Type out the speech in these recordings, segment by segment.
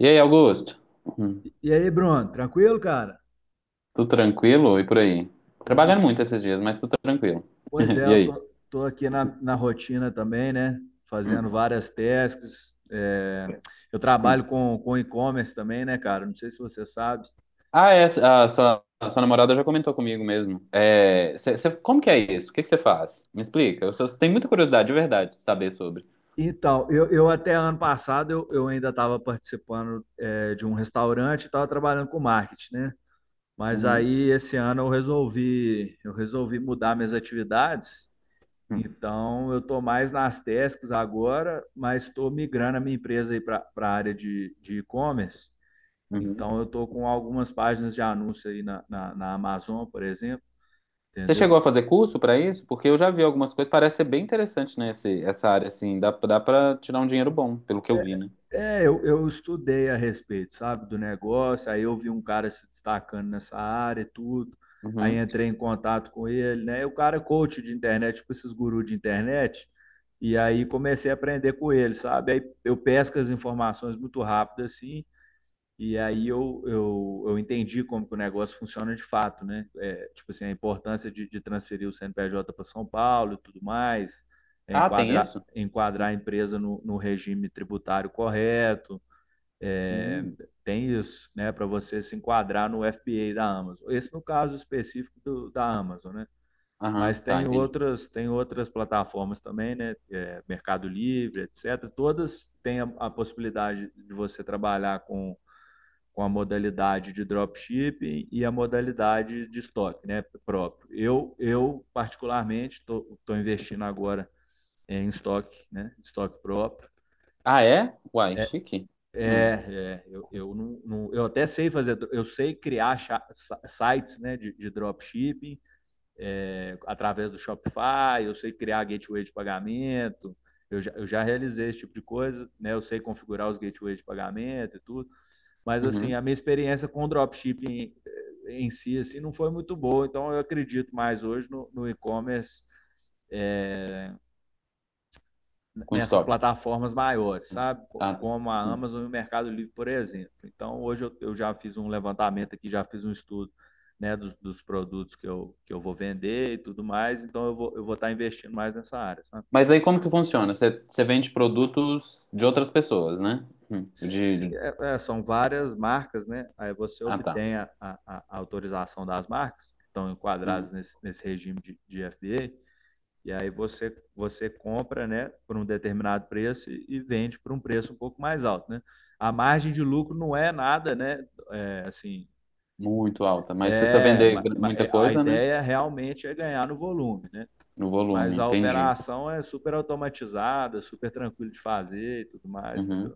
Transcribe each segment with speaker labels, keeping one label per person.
Speaker 1: E aí, Augusto? Hum.
Speaker 2: E aí, Bruno, tranquilo, cara?
Speaker 1: Tudo tranquilo e por aí?
Speaker 2: Tudo
Speaker 1: Trabalhando
Speaker 2: se...
Speaker 1: muito esses dias, mas tudo tranquilo.
Speaker 2: Pois é,
Speaker 1: E
Speaker 2: eu
Speaker 1: aí?
Speaker 2: tô, tô aqui na rotina também, né?
Speaker 1: Hum,
Speaker 2: Fazendo várias tasks. Eu
Speaker 1: hum.
Speaker 2: trabalho com e-commerce também, né, cara? Não sei se você sabe.
Speaker 1: Ah, é, a sua namorada já comentou comigo mesmo. É, como que é isso? O que que você faz? Me explica. Tenho muita curiosidade, de verdade, de saber sobre.
Speaker 2: Então, eu até ano passado eu ainda estava participando de um restaurante e estava trabalhando com marketing, né? Mas
Speaker 1: Uhum,
Speaker 2: aí esse ano eu resolvi mudar minhas atividades.
Speaker 1: hum,
Speaker 2: Então, eu estou mais nas tasks agora, mas estou migrando a minha empresa aí para a área de e-commerce.
Speaker 1: uhum.
Speaker 2: Então, eu estou com algumas páginas de anúncio aí na Amazon, por exemplo,
Speaker 1: Você chegou
Speaker 2: entendeu?
Speaker 1: a fazer curso para isso? Porque eu já vi algumas coisas, parece ser bem interessante, né, essa área, assim, dá para tirar um dinheiro bom, pelo que eu vi, né?
Speaker 2: É, eu estudei a respeito, sabe, do negócio. Aí eu vi um cara se destacando nessa área e tudo. Aí
Speaker 1: Uhum.
Speaker 2: entrei em contato com ele, né? E o cara é coach de internet, tipo esses gurus de internet. E aí comecei a aprender com ele, sabe? Aí eu pesco as informações muito rápido assim. E aí eu entendi como que o negócio funciona de fato, né? É, tipo assim, a importância de transferir o CNPJ para São Paulo e tudo mais, é,
Speaker 1: Ah, tem
Speaker 2: enquadrar,
Speaker 1: isso?
Speaker 2: enquadrar a empresa no regime tributário correto,
Speaker 1: Hum.
Speaker 2: tem isso, né? Para você se enquadrar no FBA da Amazon. Esse no caso específico do, da Amazon, né?
Speaker 1: Aham,
Speaker 2: Mas
Speaker 1: tá, entendi.
Speaker 2: tem outras plataformas também, né? É, Mercado Livre, etc. Todas têm a possibilidade de você trabalhar com a modalidade de dropshipping e a modalidade de estoque né, próprio. Eu particularmente, estou investindo agora em estoque, né, estoque próprio.
Speaker 1: Ah, é? Uai, chique. Hum,
Speaker 2: É, é eu, não, não, eu até sei fazer, eu sei criar sites né, de dropshipping, é, através do Shopify, eu sei criar gateway de pagamento, eu já realizei esse tipo de coisa, né, eu sei configurar os gateways de pagamento e tudo. Mas assim,
Speaker 1: uhum.
Speaker 2: a minha experiência com o dropshipping em si assim, não foi muito boa, então eu acredito mais hoje no e-commerce
Speaker 1: Com
Speaker 2: nessas
Speaker 1: estoque.
Speaker 2: plataformas maiores, sabe?
Speaker 1: Ah, tá.
Speaker 2: Como a
Speaker 1: Hum.
Speaker 2: Amazon e o Mercado Livre, por exemplo. Então, hoje eu já fiz um levantamento aqui, já fiz um estudo né, dos produtos que eu vou vender e tudo mais, então eu vou estar investindo mais nessa área, sabe?
Speaker 1: Mas aí como que funciona? Você vende produtos de outras pessoas, né? Hum. De-
Speaker 2: É, é, são várias marcas, né? Aí você
Speaker 1: Ah, tá.
Speaker 2: obtém a a- autorização das marcas, que estão
Speaker 1: Uhum.
Speaker 2: enquadradas nesse regime de FDA, e aí você, você compra, né, por um determinado preço e, vende por um preço um pouco mais alto, né? A margem de lucro não é nada, né? É, assim,
Speaker 1: Muito alta. Mas se você
Speaker 2: é,
Speaker 1: vender muita
Speaker 2: é, a
Speaker 1: coisa, né?
Speaker 2: ideia realmente é ganhar no volume, né?
Speaker 1: No volume,
Speaker 2: Mas a
Speaker 1: entendi.
Speaker 2: operação é super automatizada, super tranquilo de fazer e tudo mais,
Speaker 1: Uhum.
Speaker 2: entendeu?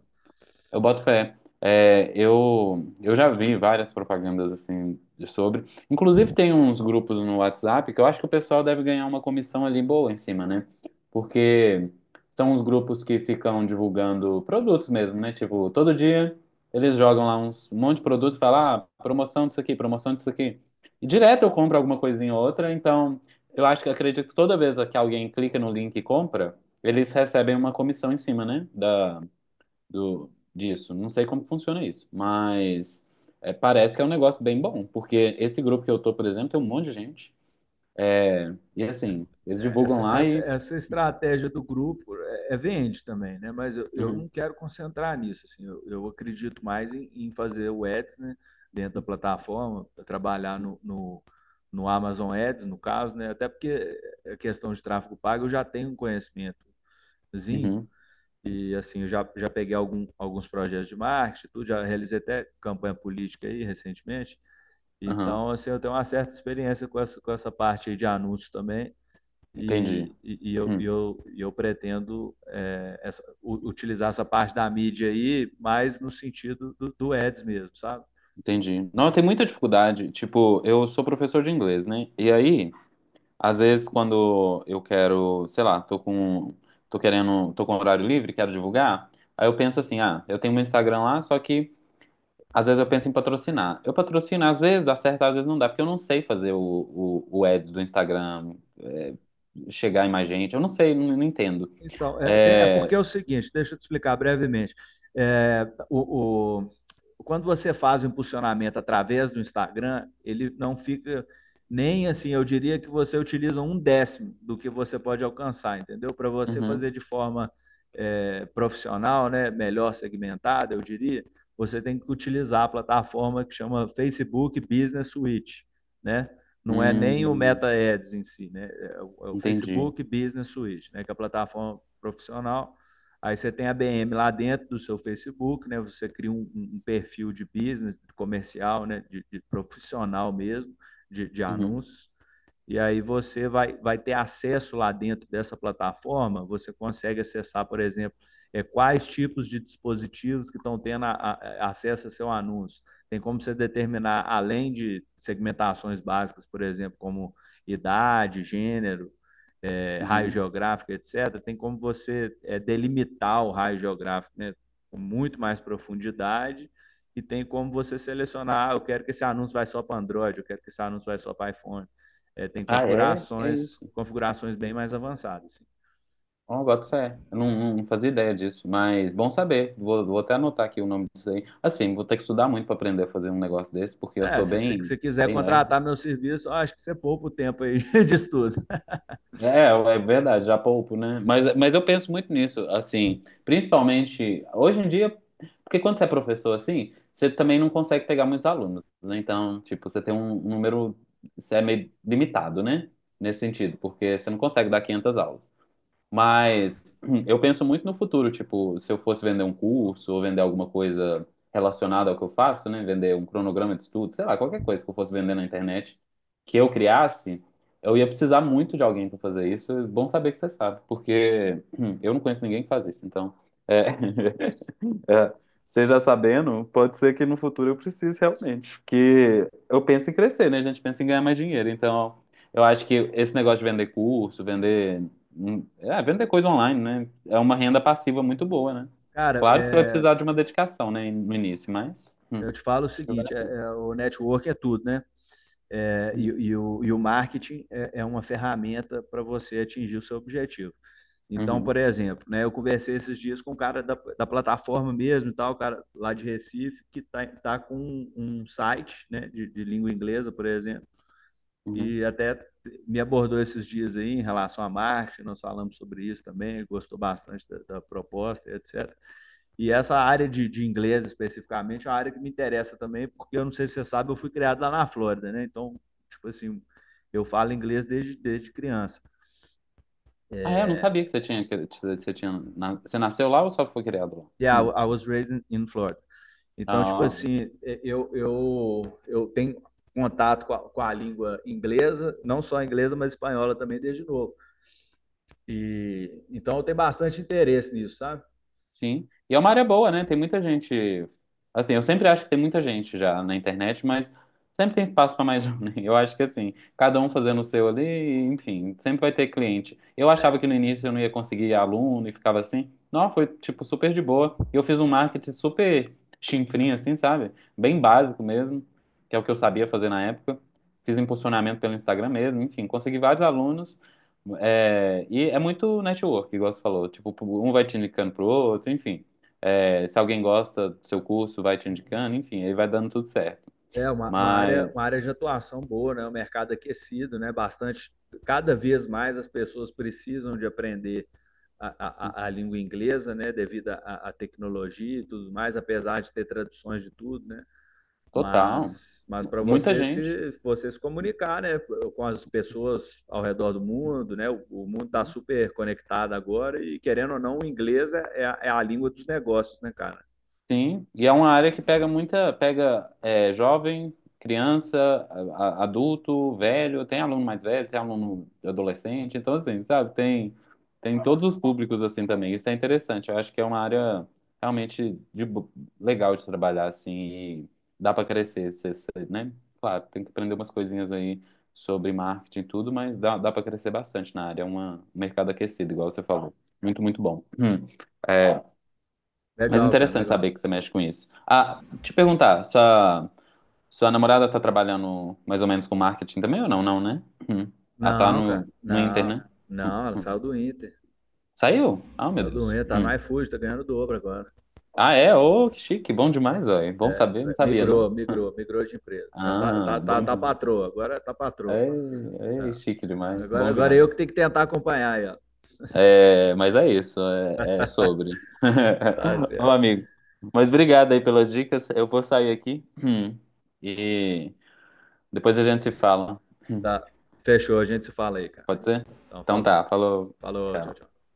Speaker 1: Eu boto fé. É, eu já vi várias propagandas assim de sobre. Inclusive tem uns grupos no WhatsApp que eu acho que o pessoal deve ganhar uma comissão ali boa em cima, né? Porque são os grupos que ficam divulgando produtos mesmo, né? Tipo, todo dia eles jogam lá uns, um monte de produto e falam, ah, promoção disso aqui, promoção disso aqui. E direto eu compro alguma coisinha ou outra, então eu acho que acredito que toda vez que alguém clica no link e compra, eles recebem uma comissão em cima, né? Da, do, disso. Não sei como funciona isso, mas é, parece que é um negócio bem bom, porque esse grupo que eu tô, por exemplo, tem um monte de gente. É, e assim, eles divulgam
Speaker 2: Essa,
Speaker 1: lá
Speaker 2: essa,
Speaker 1: e.
Speaker 2: essa estratégia do grupo é, é vende também, né? Mas eu
Speaker 1: Uhum,
Speaker 2: não quero concentrar nisso. Assim, eu acredito mais em, em fazer o Ads né, dentro da plataforma, trabalhar no Amazon Ads, no caso, né? Até porque a questão de tráfego pago eu já tenho um conhecimentozinho.
Speaker 1: uhum,
Speaker 2: E assim eu já, já peguei algum, alguns projetos de marketing, tudo, já realizei até campanha política aí recentemente.
Speaker 1: aham,
Speaker 2: Então, assim, eu tenho uma certa experiência com essa parte aí de anúncios também.
Speaker 1: entendi.
Speaker 2: E, e eu,
Speaker 1: Hum,
Speaker 2: eu, eu pretendo utilizar essa parte da mídia aí, mais no sentido do ads mesmo, sabe?
Speaker 1: entendi. Não, tem muita dificuldade. Tipo, eu sou professor de inglês, né? E aí, às vezes, quando eu quero, sei lá, tô com. Tô querendo. Tô com horário livre, quero divulgar. Aí eu penso assim, ah, eu tenho meu Instagram lá, só que às vezes eu penso em patrocinar. Eu patrocino, às vezes dá certo, às vezes não dá, porque eu não sei fazer o, o ads do Instagram, é, chegar em mais gente. Eu não sei, não, não entendo.
Speaker 2: Então, é porque
Speaker 1: É,
Speaker 2: é o seguinte, deixa eu te explicar brevemente. É, o- quando você faz o impulsionamento através do Instagram, ele não fica nem assim, eu diria que você utiliza um décimo do que você pode alcançar, entendeu? Para você
Speaker 1: uhum,
Speaker 2: fazer de forma é, profissional, né, melhor segmentada, eu diria, você tem que utilizar a plataforma que chama Facebook Business Suite, né? Não é nem o
Speaker 1: hum,
Speaker 2: Meta Ads em si, né? É o
Speaker 1: entendi.
Speaker 2: Facebook Business Suite, né? Que é a plataforma profissional. Aí você tem a BM lá dentro do seu Facebook, né? Você cria um, um perfil de business, de comercial, né? De profissional mesmo, de,
Speaker 1: Uhum,
Speaker 2: anúncios. E aí você vai, vai ter acesso lá dentro dessa plataforma. Você consegue acessar, por exemplo, é, quais tipos de dispositivos que estão tendo a, acesso a seu anúncio. Tem como você determinar, além de segmentações básicas, por exemplo, como idade, gênero, é, raio
Speaker 1: uhum.
Speaker 2: geográfico, etc., tem como você é, delimitar o raio geográfico né, com muito mais profundidade. E tem como você selecionar, ah, eu quero que esse anúncio vai só para Android, eu quero que esse anúncio vai só para iPhone. É, tem
Speaker 1: Ah, é? É
Speaker 2: configurações,
Speaker 1: isso.
Speaker 2: configurações bem mais avançadas. Assim.
Speaker 1: Ó, boto fé. Eu não, não fazia ideia disso, mas bom saber. Vou até anotar aqui o nome disso aí. Assim, vou ter que estudar muito para aprender a fazer um negócio desse, porque
Speaker 2: É, se você quiser
Speaker 1: bem lerdo.
Speaker 2: contratar meu serviço, ó, acho que você poupa o tempo aí de estudo.
Speaker 1: É, é é verdade, já poupo, né? Mas eu penso muito nisso, assim, principalmente hoje em dia, porque quando você é professor, assim, você também não consegue pegar muitos alunos, né? Então, tipo, você tem um número, você é meio limitado, né? Nesse sentido, porque você não consegue dar 500 aulas. Mas eu penso muito no futuro, tipo, se eu fosse vender um curso ou vender alguma coisa relacionada ao que eu faço, né? Vender um cronograma de estudo, sei lá, qualquer coisa que eu fosse vender na internet que eu criasse, eu ia precisar muito de alguém para fazer isso. É bom saber que você sabe, porque eu não conheço ninguém que faz isso, então é, é, seja sabendo, pode ser que no futuro eu precise realmente. Porque eu penso em crescer, né? A gente pensa em ganhar mais dinheiro. Então, eu acho que esse negócio de vender curso, vender. Hum, é, vender coisa online, né? É uma renda passiva muito boa, né?
Speaker 2: Cara,
Speaker 1: Claro que você vai
Speaker 2: é,
Speaker 1: precisar de uma dedicação, né? No início, mas. Hum,
Speaker 2: eu te falo o
Speaker 1: acho que vale
Speaker 2: seguinte,
Speaker 1: a
Speaker 2: é,
Speaker 1: pena.
Speaker 2: é, o network é tudo, né? É, E,
Speaker 1: Hum,
Speaker 2: e o marketing é é uma ferramenta para você atingir o seu objetivo. Então,
Speaker 1: Uhum,
Speaker 2: por exemplo, né, eu conversei esses dias com um cara da plataforma mesmo e tal, o cara lá de Recife, que tá, tá com um, um site né, de língua inglesa, por exemplo,
Speaker 1: uhum.
Speaker 2: e até me abordou esses dias aí em relação à marketing, nós falamos sobre isso também, gostou bastante da proposta, etc. E essa área de, inglês especificamente é uma área que me interessa também, porque eu não sei se você sabe, eu fui criado lá na Flórida, né? Então, tipo assim, eu falo inglês desde criança.
Speaker 1: Ah, é, eu não sabia que você tinha. Que você tinha, você nasceu lá ou só foi criado lá?
Speaker 2: Yeah,
Speaker 1: Hum.
Speaker 2: I was raised in Florida. Então, tipo
Speaker 1: Ah,
Speaker 2: assim, é, eu tenho contato com a língua inglesa, não só inglesa, mas espanhola também desde novo. E então eu tenho bastante interesse nisso, sabe?
Speaker 1: sim. E é uma área boa, né? Tem muita gente. Assim, eu sempre acho que tem muita gente já na internet, mas sempre tem espaço para mais um, né? Eu acho que assim, cada um fazendo o seu ali, enfim, sempre vai ter cliente. Eu achava que no início eu não ia conseguir aluno e ficava assim. Não, foi tipo super de boa. E eu fiz um marketing super chinfrinho, assim, sabe? Bem básico mesmo, que é o que eu sabia fazer na época. Fiz impulsionamento pelo Instagram mesmo, enfim, consegui vários alunos. É, e é muito network, igual você falou. Tipo, um vai te indicando pro outro, enfim. É, se alguém gosta do seu curso, vai te indicando, enfim, aí vai dando tudo certo.
Speaker 2: É
Speaker 1: Mas,
Speaker 2: uma área de atuação boa, né? Um mercado aquecido, né? Bastante, cada vez mais as pessoas precisam de aprender a língua inglesa, né? Devido à tecnologia e tudo mais, apesar de ter traduções de tudo, né?
Speaker 1: total,
Speaker 2: Mas para
Speaker 1: muita gente.
Speaker 2: você se comunicar, né, com as pessoas ao redor do mundo, né, o mundo está super conectado agora e querendo ou não, o inglês é, é a língua dos negócios, né, cara?
Speaker 1: Sim, e é uma área que pega muita, pega é, jovem, criança, adulto, velho, tem aluno mais velho, tem aluno adolescente, então assim, sabe, tem todos os públicos assim também, isso é interessante, eu acho que é uma área realmente de, legal de trabalhar assim, e dá para crescer, você, né? Claro, tem que aprender umas coisinhas aí sobre marketing e tudo, mas dá para crescer bastante na área, é uma, um mercado aquecido, igual você falou, muito, muito bom. Hum. É, mas é
Speaker 2: Legal, cara,
Speaker 1: interessante
Speaker 2: legal.
Speaker 1: saber que você mexe com isso. Ah, te perguntar, sua, sua namorada tá trabalhando mais ou menos com marketing também ou não? Não, né? Hum. Ela tá
Speaker 2: Não, cara,
Speaker 1: no, no Inter,
Speaker 2: não,
Speaker 1: né? Hum,
Speaker 2: não, ela
Speaker 1: hum. Saiu? Ah, meu
Speaker 2: saiu do
Speaker 1: Deus.
Speaker 2: Inter, tá
Speaker 1: Hum.
Speaker 2: no iFood, tá ganhando dobro agora.
Speaker 1: Ah, é? Ô, que chique, bom demais, velho.
Speaker 2: É,
Speaker 1: Bom saber, não
Speaker 2: é,
Speaker 1: sabia,
Speaker 2: migrou,
Speaker 1: não?
Speaker 2: migrou, migrou de empresa. Tá, tá, tá,
Speaker 1: Ah,
Speaker 2: tá,
Speaker 1: bom
Speaker 2: tá
Speaker 1: demais.
Speaker 2: patroa, agora tá patroa.
Speaker 1: Ei, ei,
Speaker 2: É.
Speaker 1: chique demais,
Speaker 2: Agora,
Speaker 1: bom
Speaker 2: agora eu que
Speaker 1: demais.
Speaker 2: tenho que tentar acompanhar aí, ó.
Speaker 1: É, mas é isso, é, é sobre.
Speaker 2: Tá
Speaker 1: Ô,
Speaker 2: certo.
Speaker 1: amigo. Mas obrigado aí pelas dicas. Eu vou sair aqui. Hum. E depois a gente se fala.
Speaker 2: Tá. Fechou, a gente se fala aí, cara.
Speaker 1: Pode ser?
Speaker 2: Então,
Speaker 1: Então
Speaker 2: falou.
Speaker 1: tá, falou.
Speaker 2: Falou, tchau,
Speaker 1: Tchau.
Speaker 2: tchau.